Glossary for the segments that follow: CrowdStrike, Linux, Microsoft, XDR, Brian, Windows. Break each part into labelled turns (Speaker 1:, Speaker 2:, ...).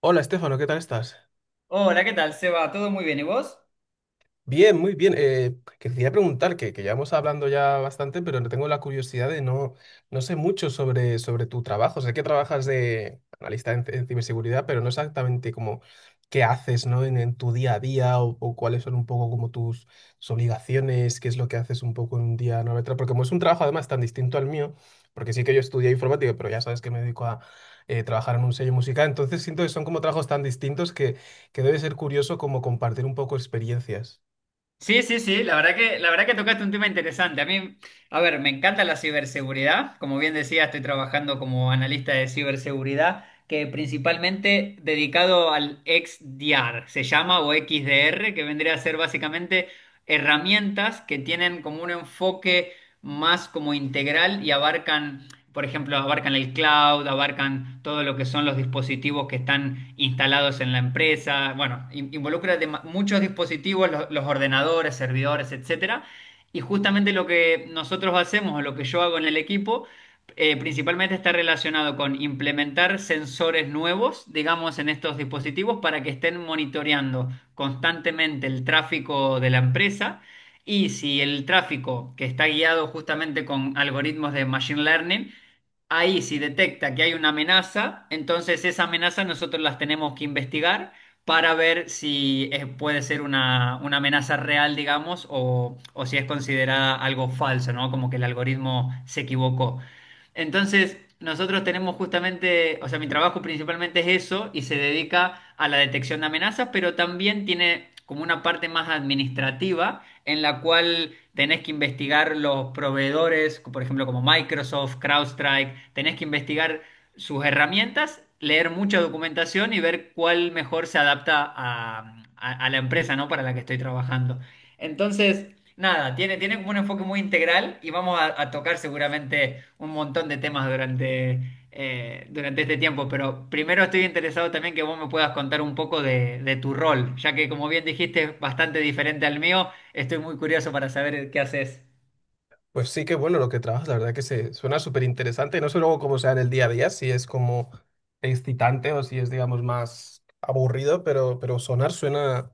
Speaker 1: Hola, Estefano, ¿qué tal estás?
Speaker 2: Hola, ¿qué tal, Seba? ¿Todo muy bien? ¿Y vos?
Speaker 1: Bien, muy bien. Que quería preguntar, que llevamos hablando ya bastante, pero no tengo la curiosidad de no, no sé mucho sobre tu trabajo. Sé que trabajas de analista en ciberseguridad, pero no exactamente como qué haces, ¿no? En tu día a día o cuáles son un poco como tus, tus obligaciones, qué es lo que haces un poco en un día, ¿no? Porque como es un trabajo además tan distinto al mío, porque sí que yo estudié informática, pero ya sabes que me dedico a trabajar en un sello musical, entonces siento que son como trabajos tan distintos que debe ser curioso como compartir un poco experiencias.
Speaker 2: Sí, sí, sí, la verdad que tocaste un tema interesante. A mí, a ver, me encanta la ciberseguridad. Como bien decía, estoy trabajando como analista de ciberseguridad, que principalmente dedicado al XDR, se llama, o XDR, que vendría a ser básicamente herramientas que tienen como un enfoque más como integral y abarcan por ejemplo, abarcan el cloud, abarcan todo lo que son los dispositivos que están instalados en la empresa. Bueno, involucra muchos dispositivos, los ordenadores, servidores, etcétera. Y justamente lo que nosotros hacemos, o lo que yo hago en el equipo, principalmente está relacionado con implementar sensores nuevos, digamos, en estos dispositivos para que estén monitoreando constantemente el tráfico de la empresa. Y si el tráfico que está guiado justamente con algoritmos de machine learning, ahí si detecta que hay una amenaza, entonces esa amenaza nosotros las tenemos que investigar para ver si puede ser una amenaza real, digamos, o si es considerada algo falso, ¿no? Como que el algoritmo se equivocó. Entonces, nosotros tenemos justamente, o sea, mi trabajo principalmente es eso y se dedica a la detección de amenazas, pero también tiene como una parte más administrativa en la cual tenés que investigar los proveedores, por ejemplo, como Microsoft, CrowdStrike, tenés que investigar sus herramientas, leer mucha documentación y ver cuál mejor se adapta a, a la empresa, ¿no? Para la que estoy trabajando. Entonces, nada, tiene, tiene como un enfoque muy integral y vamos a tocar seguramente un montón de temas durante, durante este tiempo, pero primero estoy interesado también que vos me puedas contar un poco de tu rol, ya que como bien dijiste es bastante diferente al mío. Estoy muy curioso para saber qué haces.
Speaker 1: Pues sí, que bueno lo que trabajas, la verdad que se suena súper interesante. No sé luego cómo sea en el día a día, si es como excitante o si es, digamos, más aburrido, pero sonar suena.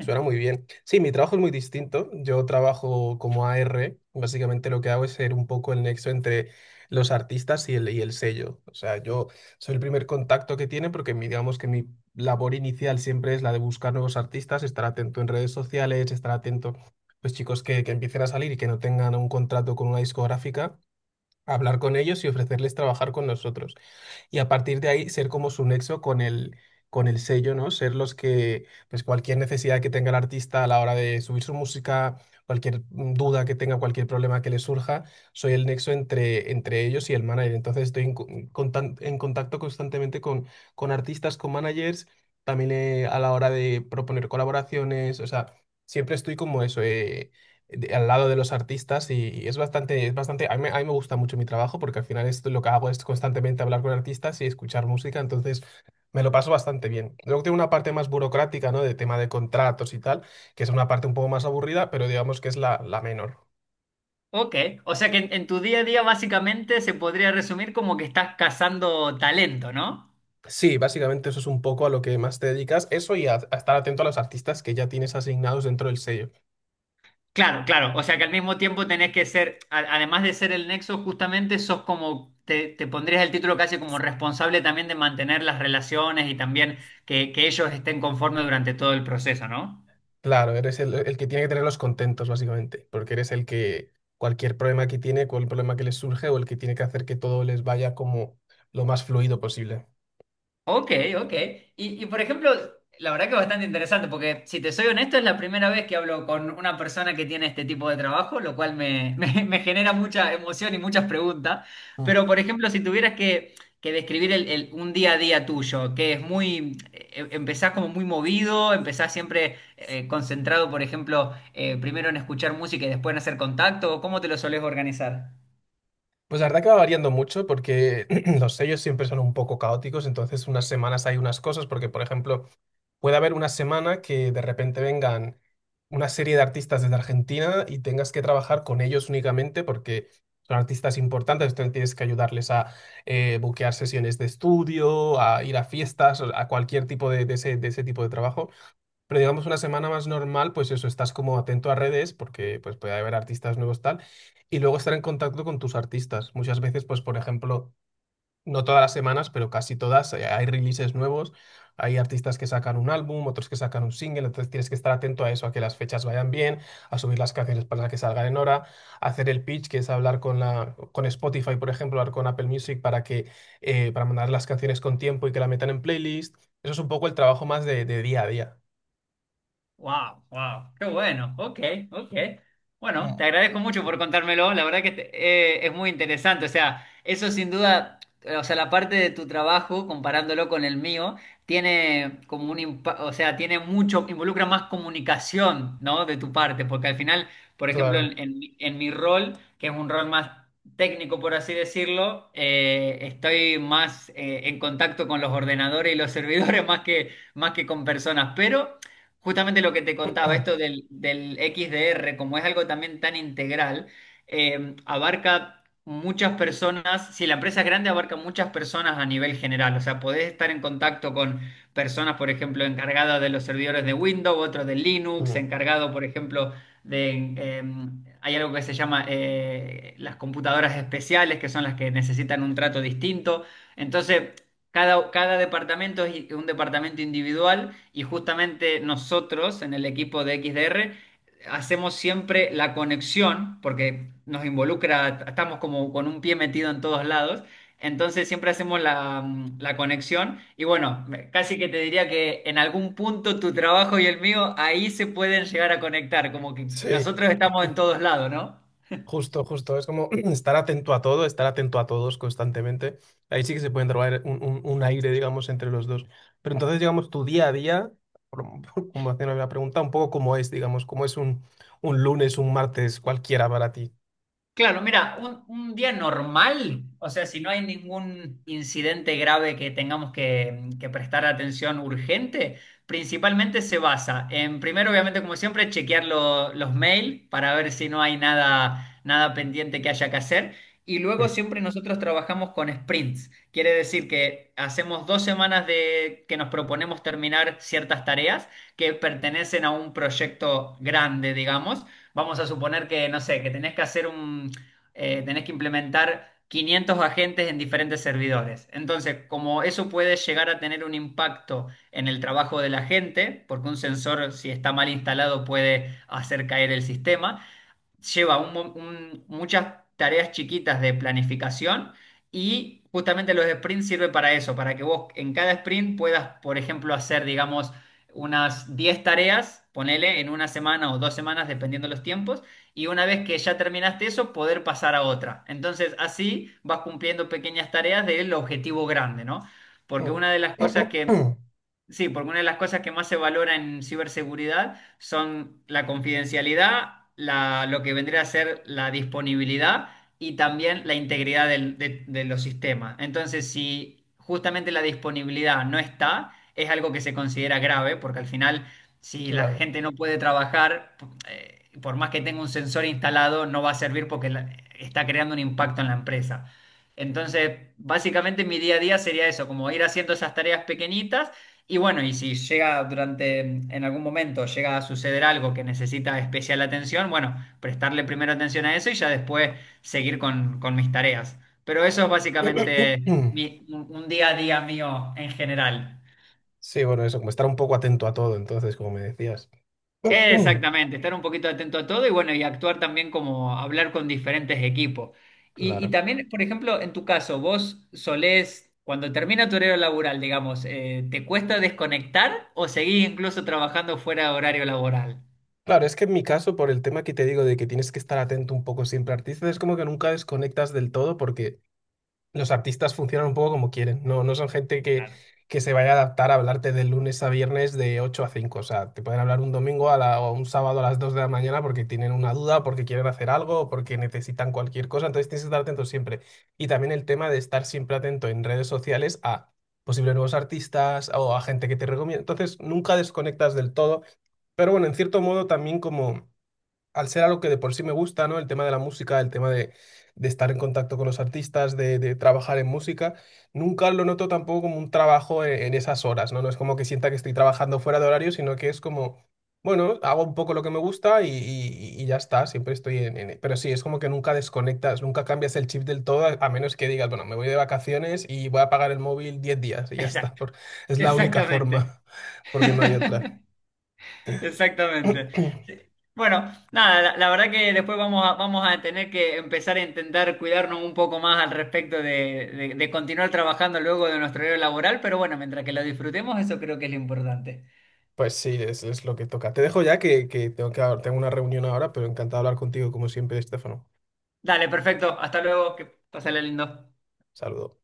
Speaker 1: Suena muy bien. Sí, mi trabajo es muy distinto. Yo trabajo como AR. Básicamente lo que hago es ser un poco el nexo entre los artistas y el sello. O sea, yo soy el primer contacto que tiene porque digamos que mi labor inicial siempre es la de buscar nuevos artistas, estar atento en redes sociales, estar atento, pues chicos que empiecen a salir y que no tengan un contrato con una discográfica, hablar con ellos y ofrecerles trabajar con nosotros y a partir de ahí ser como su nexo con el sello, ¿no? Ser los que, pues cualquier necesidad que tenga el artista a la hora de subir su música, cualquier duda que tenga, cualquier problema que le surja, soy el nexo entre, entre ellos y el manager. Entonces estoy en contacto constantemente con artistas, con managers, también a la hora de proponer colaboraciones, o sea, siempre estoy como eso. Al lado de los artistas y es bastante, a mí me gusta mucho mi trabajo porque al final esto, lo que hago es constantemente hablar con artistas y escuchar música, entonces me lo paso bastante bien. Luego tiene una parte más burocrática, ¿no? De tema de contratos y tal, que es una parte un poco más aburrida, pero digamos que es la, la menor.
Speaker 2: Ok, o sea que en tu día a día básicamente se podría resumir como que estás cazando talento, ¿no?
Speaker 1: Sí, básicamente eso es un poco a lo que más te dedicas, eso y a estar atento a los artistas que ya tienes asignados dentro del sello.
Speaker 2: Claro, claro, o sea que al mismo tiempo tenés que ser, además de ser el nexo, justamente sos como, te pondrías el título casi como responsable también de mantener las relaciones y también que ellos estén conformes durante todo el proceso, ¿no?
Speaker 1: Claro, eres el que tiene que tenerlos contentos, básicamente, porque eres el que cualquier problema que tiene, cualquier problema que les surge o el que tiene que hacer que todo les vaya como lo más fluido posible.
Speaker 2: Ok, ok. Y, por ejemplo, la verdad que bastante interesante, porque si te soy honesto, es la primera vez que hablo con una persona que tiene este tipo de trabajo, lo cual me, me genera mucha emoción y muchas preguntas.
Speaker 1: Mm.
Speaker 2: Pero, por ejemplo, si tuvieras que describir el, un día a día tuyo, que es muy, empezás como muy movido, empezás siempre concentrado, por ejemplo, primero en escuchar música y después en hacer contacto, ¿cómo te lo solés organizar?
Speaker 1: Pues la verdad que va variando mucho porque los sellos siempre son un poco caóticos, entonces unas semanas hay unas cosas, porque por ejemplo, puede haber una semana que de repente vengan una serie de artistas desde Argentina y tengas que trabajar con ellos únicamente porque son artistas importantes, entonces tienes que ayudarles a buquear sesiones de estudio, a ir a fiestas, a cualquier tipo de ese tipo de trabajo. Pero digamos una semana más normal, pues eso, estás como atento a redes porque pues puede haber artistas nuevos tal y luego estar en contacto con tus artistas. Muchas veces, pues por ejemplo, no todas las semanas, pero casi todas, hay releases nuevos, hay artistas que sacan un álbum, otros que sacan un single, entonces tienes que estar atento a eso, a que las fechas vayan bien, a subir las canciones para que salgan en hora, hacer el pitch, que es hablar con Spotify, por ejemplo, hablar con Apple Music para mandar las canciones con tiempo y que la metan en playlist. Eso es un poco el trabajo más de día a día.
Speaker 2: Wow, wow, qué bueno. Ok, ok. Bueno, te agradezco mucho por contármelo. La verdad que es muy interesante. O sea, eso sin duda, o sea, la parte de tu trabajo, comparándolo con el mío, tiene como un o sea, tiene mucho, involucra más comunicación, ¿no? De tu parte, porque al final, por ejemplo,
Speaker 1: Claro.
Speaker 2: en, en mi rol, que es un rol más técnico, por así decirlo, estoy más en contacto con los ordenadores y los servidores más que con personas, pero justamente lo que te contaba, esto del, del XDR, como es algo también tan integral, abarca muchas personas, si la empresa es grande, abarca muchas personas a nivel general, o sea, podés estar en contacto con personas, por ejemplo, encargadas de los servidores de Windows, otros de Linux,
Speaker 1: Mm.
Speaker 2: encargado, por ejemplo, de, hay algo que se llama las computadoras especiales, que son las que necesitan un trato distinto. Entonces, cada, cada departamento es un departamento individual y justamente nosotros en el equipo de XDR hacemos siempre la conexión porque nos involucra, estamos como con un pie metido en todos lados, entonces siempre hacemos la, la conexión y bueno, casi que te diría que en algún punto tu trabajo y el mío ahí se pueden llegar a conectar, como que
Speaker 1: Sí,
Speaker 2: nosotros estamos en todos lados, ¿no?
Speaker 1: justo, justo. Es como estar atento a todo, estar atento a todos constantemente. Ahí sí que se pueden trabajar un aire, digamos, entre los dos. Pero entonces, digamos, tu día a día, por- como haciendo la pregunta, un poco cómo es, digamos, cómo es un lunes, un martes, cualquiera para ti.
Speaker 2: Claro, mira, un día normal, o sea, si no hay ningún incidente grave que tengamos que prestar atención urgente, principalmente se basa en, primero, obviamente, como siempre, chequear los mails para ver si no hay nada, nada pendiente que haya que hacer. Y luego
Speaker 1: Mm,
Speaker 2: siempre nosotros trabajamos con sprints. Quiere decir que hacemos 2 semanas de que nos proponemos terminar ciertas tareas que pertenecen a un proyecto grande, digamos. Vamos a suponer que, no sé, que tenés que hacer un, tenés que implementar 500 agentes en diferentes servidores. Entonces, como eso puede llegar a tener un impacto en el trabajo de la gente, porque un sensor, si está mal instalado, puede hacer caer el sistema, lleva un muchas tareas chiquitas de planificación y justamente los sprints sirve para eso, para que vos en cada sprint puedas, por ejemplo, hacer, digamos, unas 10 tareas, ponele en una semana o dos semanas, dependiendo los tiempos, y una vez que ya terminaste eso, poder pasar a otra. Entonces, así vas cumpliendo pequeñas tareas del objetivo grande, ¿no? Porque
Speaker 1: mm.
Speaker 2: una de las cosas que Sí, porque una de las cosas que más se valora en ciberseguridad son la confidencialidad, lo que vendría a ser la disponibilidad y también la integridad de los sistemas. Entonces, si justamente la disponibilidad no está, es algo que se considera grave, porque al final, si la
Speaker 1: Claro.
Speaker 2: gente no puede trabajar, por más que tenga un sensor instalado, no va a servir porque está creando un impacto en la empresa. Entonces, básicamente mi día a día sería eso, como ir haciendo esas tareas pequeñitas y bueno, y si llega durante, en algún momento llega a suceder algo que necesita especial atención, bueno, prestarle primero atención a eso y ya después seguir con mis tareas. Pero eso es básicamente un día a día mío en general.
Speaker 1: Sí, bueno, eso, como estar un poco atento a todo, entonces, como me decías.
Speaker 2: Exactamente, estar un poquito atento a todo y bueno, y actuar también como hablar con diferentes equipos. Y
Speaker 1: Claro.
Speaker 2: también, por ejemplo, en tu caso, vos solés, cuando termina tu horario laboral, digamos, ¿te cuesta desconectar o seguís incluso trabajando fuera de horario laboral?
Speaker 1: Claro, es que en mi caso, por el tema que te digo de que tienes que estar atento un poco siempre al artista, es como que nunca desconectas del todo porque los artistas funcionan un poco como quieren, no, no son gente
Speaker 2: Claro,
Speaker 1: que se vaya a adaptar a hablarte de lunes a viernes de 8 a 5, o sea, te pueden hablar un domingo o un sábado a las 2 de la mañana porque tienen una duda, porque quieren hacer algo, o porque necesitan cualquier cosa, entonces tienes que estar atento siempre. Y también el tema de estar siempre atento en redes sociales a posibles nuevos artistas o a gente que te recomienda, entonces nunca desconectas del todo, pero bueno, en cierto modo también como al ser algo que de por sí me gusta, ¿no? El tema de la música, el tema de estar en contacto con los artistas, de trabajar en música, nunca lo noto tampoco como un trabajo en esas horas, ¿no? No es como que sienta que estoy trabajando fuera de horario, sino que es como, bueno, hago un poco lo que me gusta y ya está, siempre estoy. Pero sí, es como que nunca desconectas, nunca cambias el chip del todo, a menos que digas, bueno, me voy de vacaciones y voy a pagar el móvil 10 días y ya está,
Speaker 2: exacto,
Speaker 1: es la única
Speaker 2: exactamente,
Speaker 1: forma, porque no hay otra.
Speaker 2: exactamente. Sí. Bueno, nada, la verdad que después vamos a, vamos a tener que empezar a intentar cuidarnos un poco más al respecto de, de continuar trabajando luego de nuestro horario laboral, pero bueno, mientras que lo disfrutemos, eso creo que es lo importante.
Speaker 1: Pues sí, es lo que toca. Te dejo ya que tengo tengo una reunión ahora, pero encantado de hablar contigo como siempre, Estefano.
Speaker 2: Dale, perfecto, hasta luego, que pásale lindo.
Speaker 1: Saludo.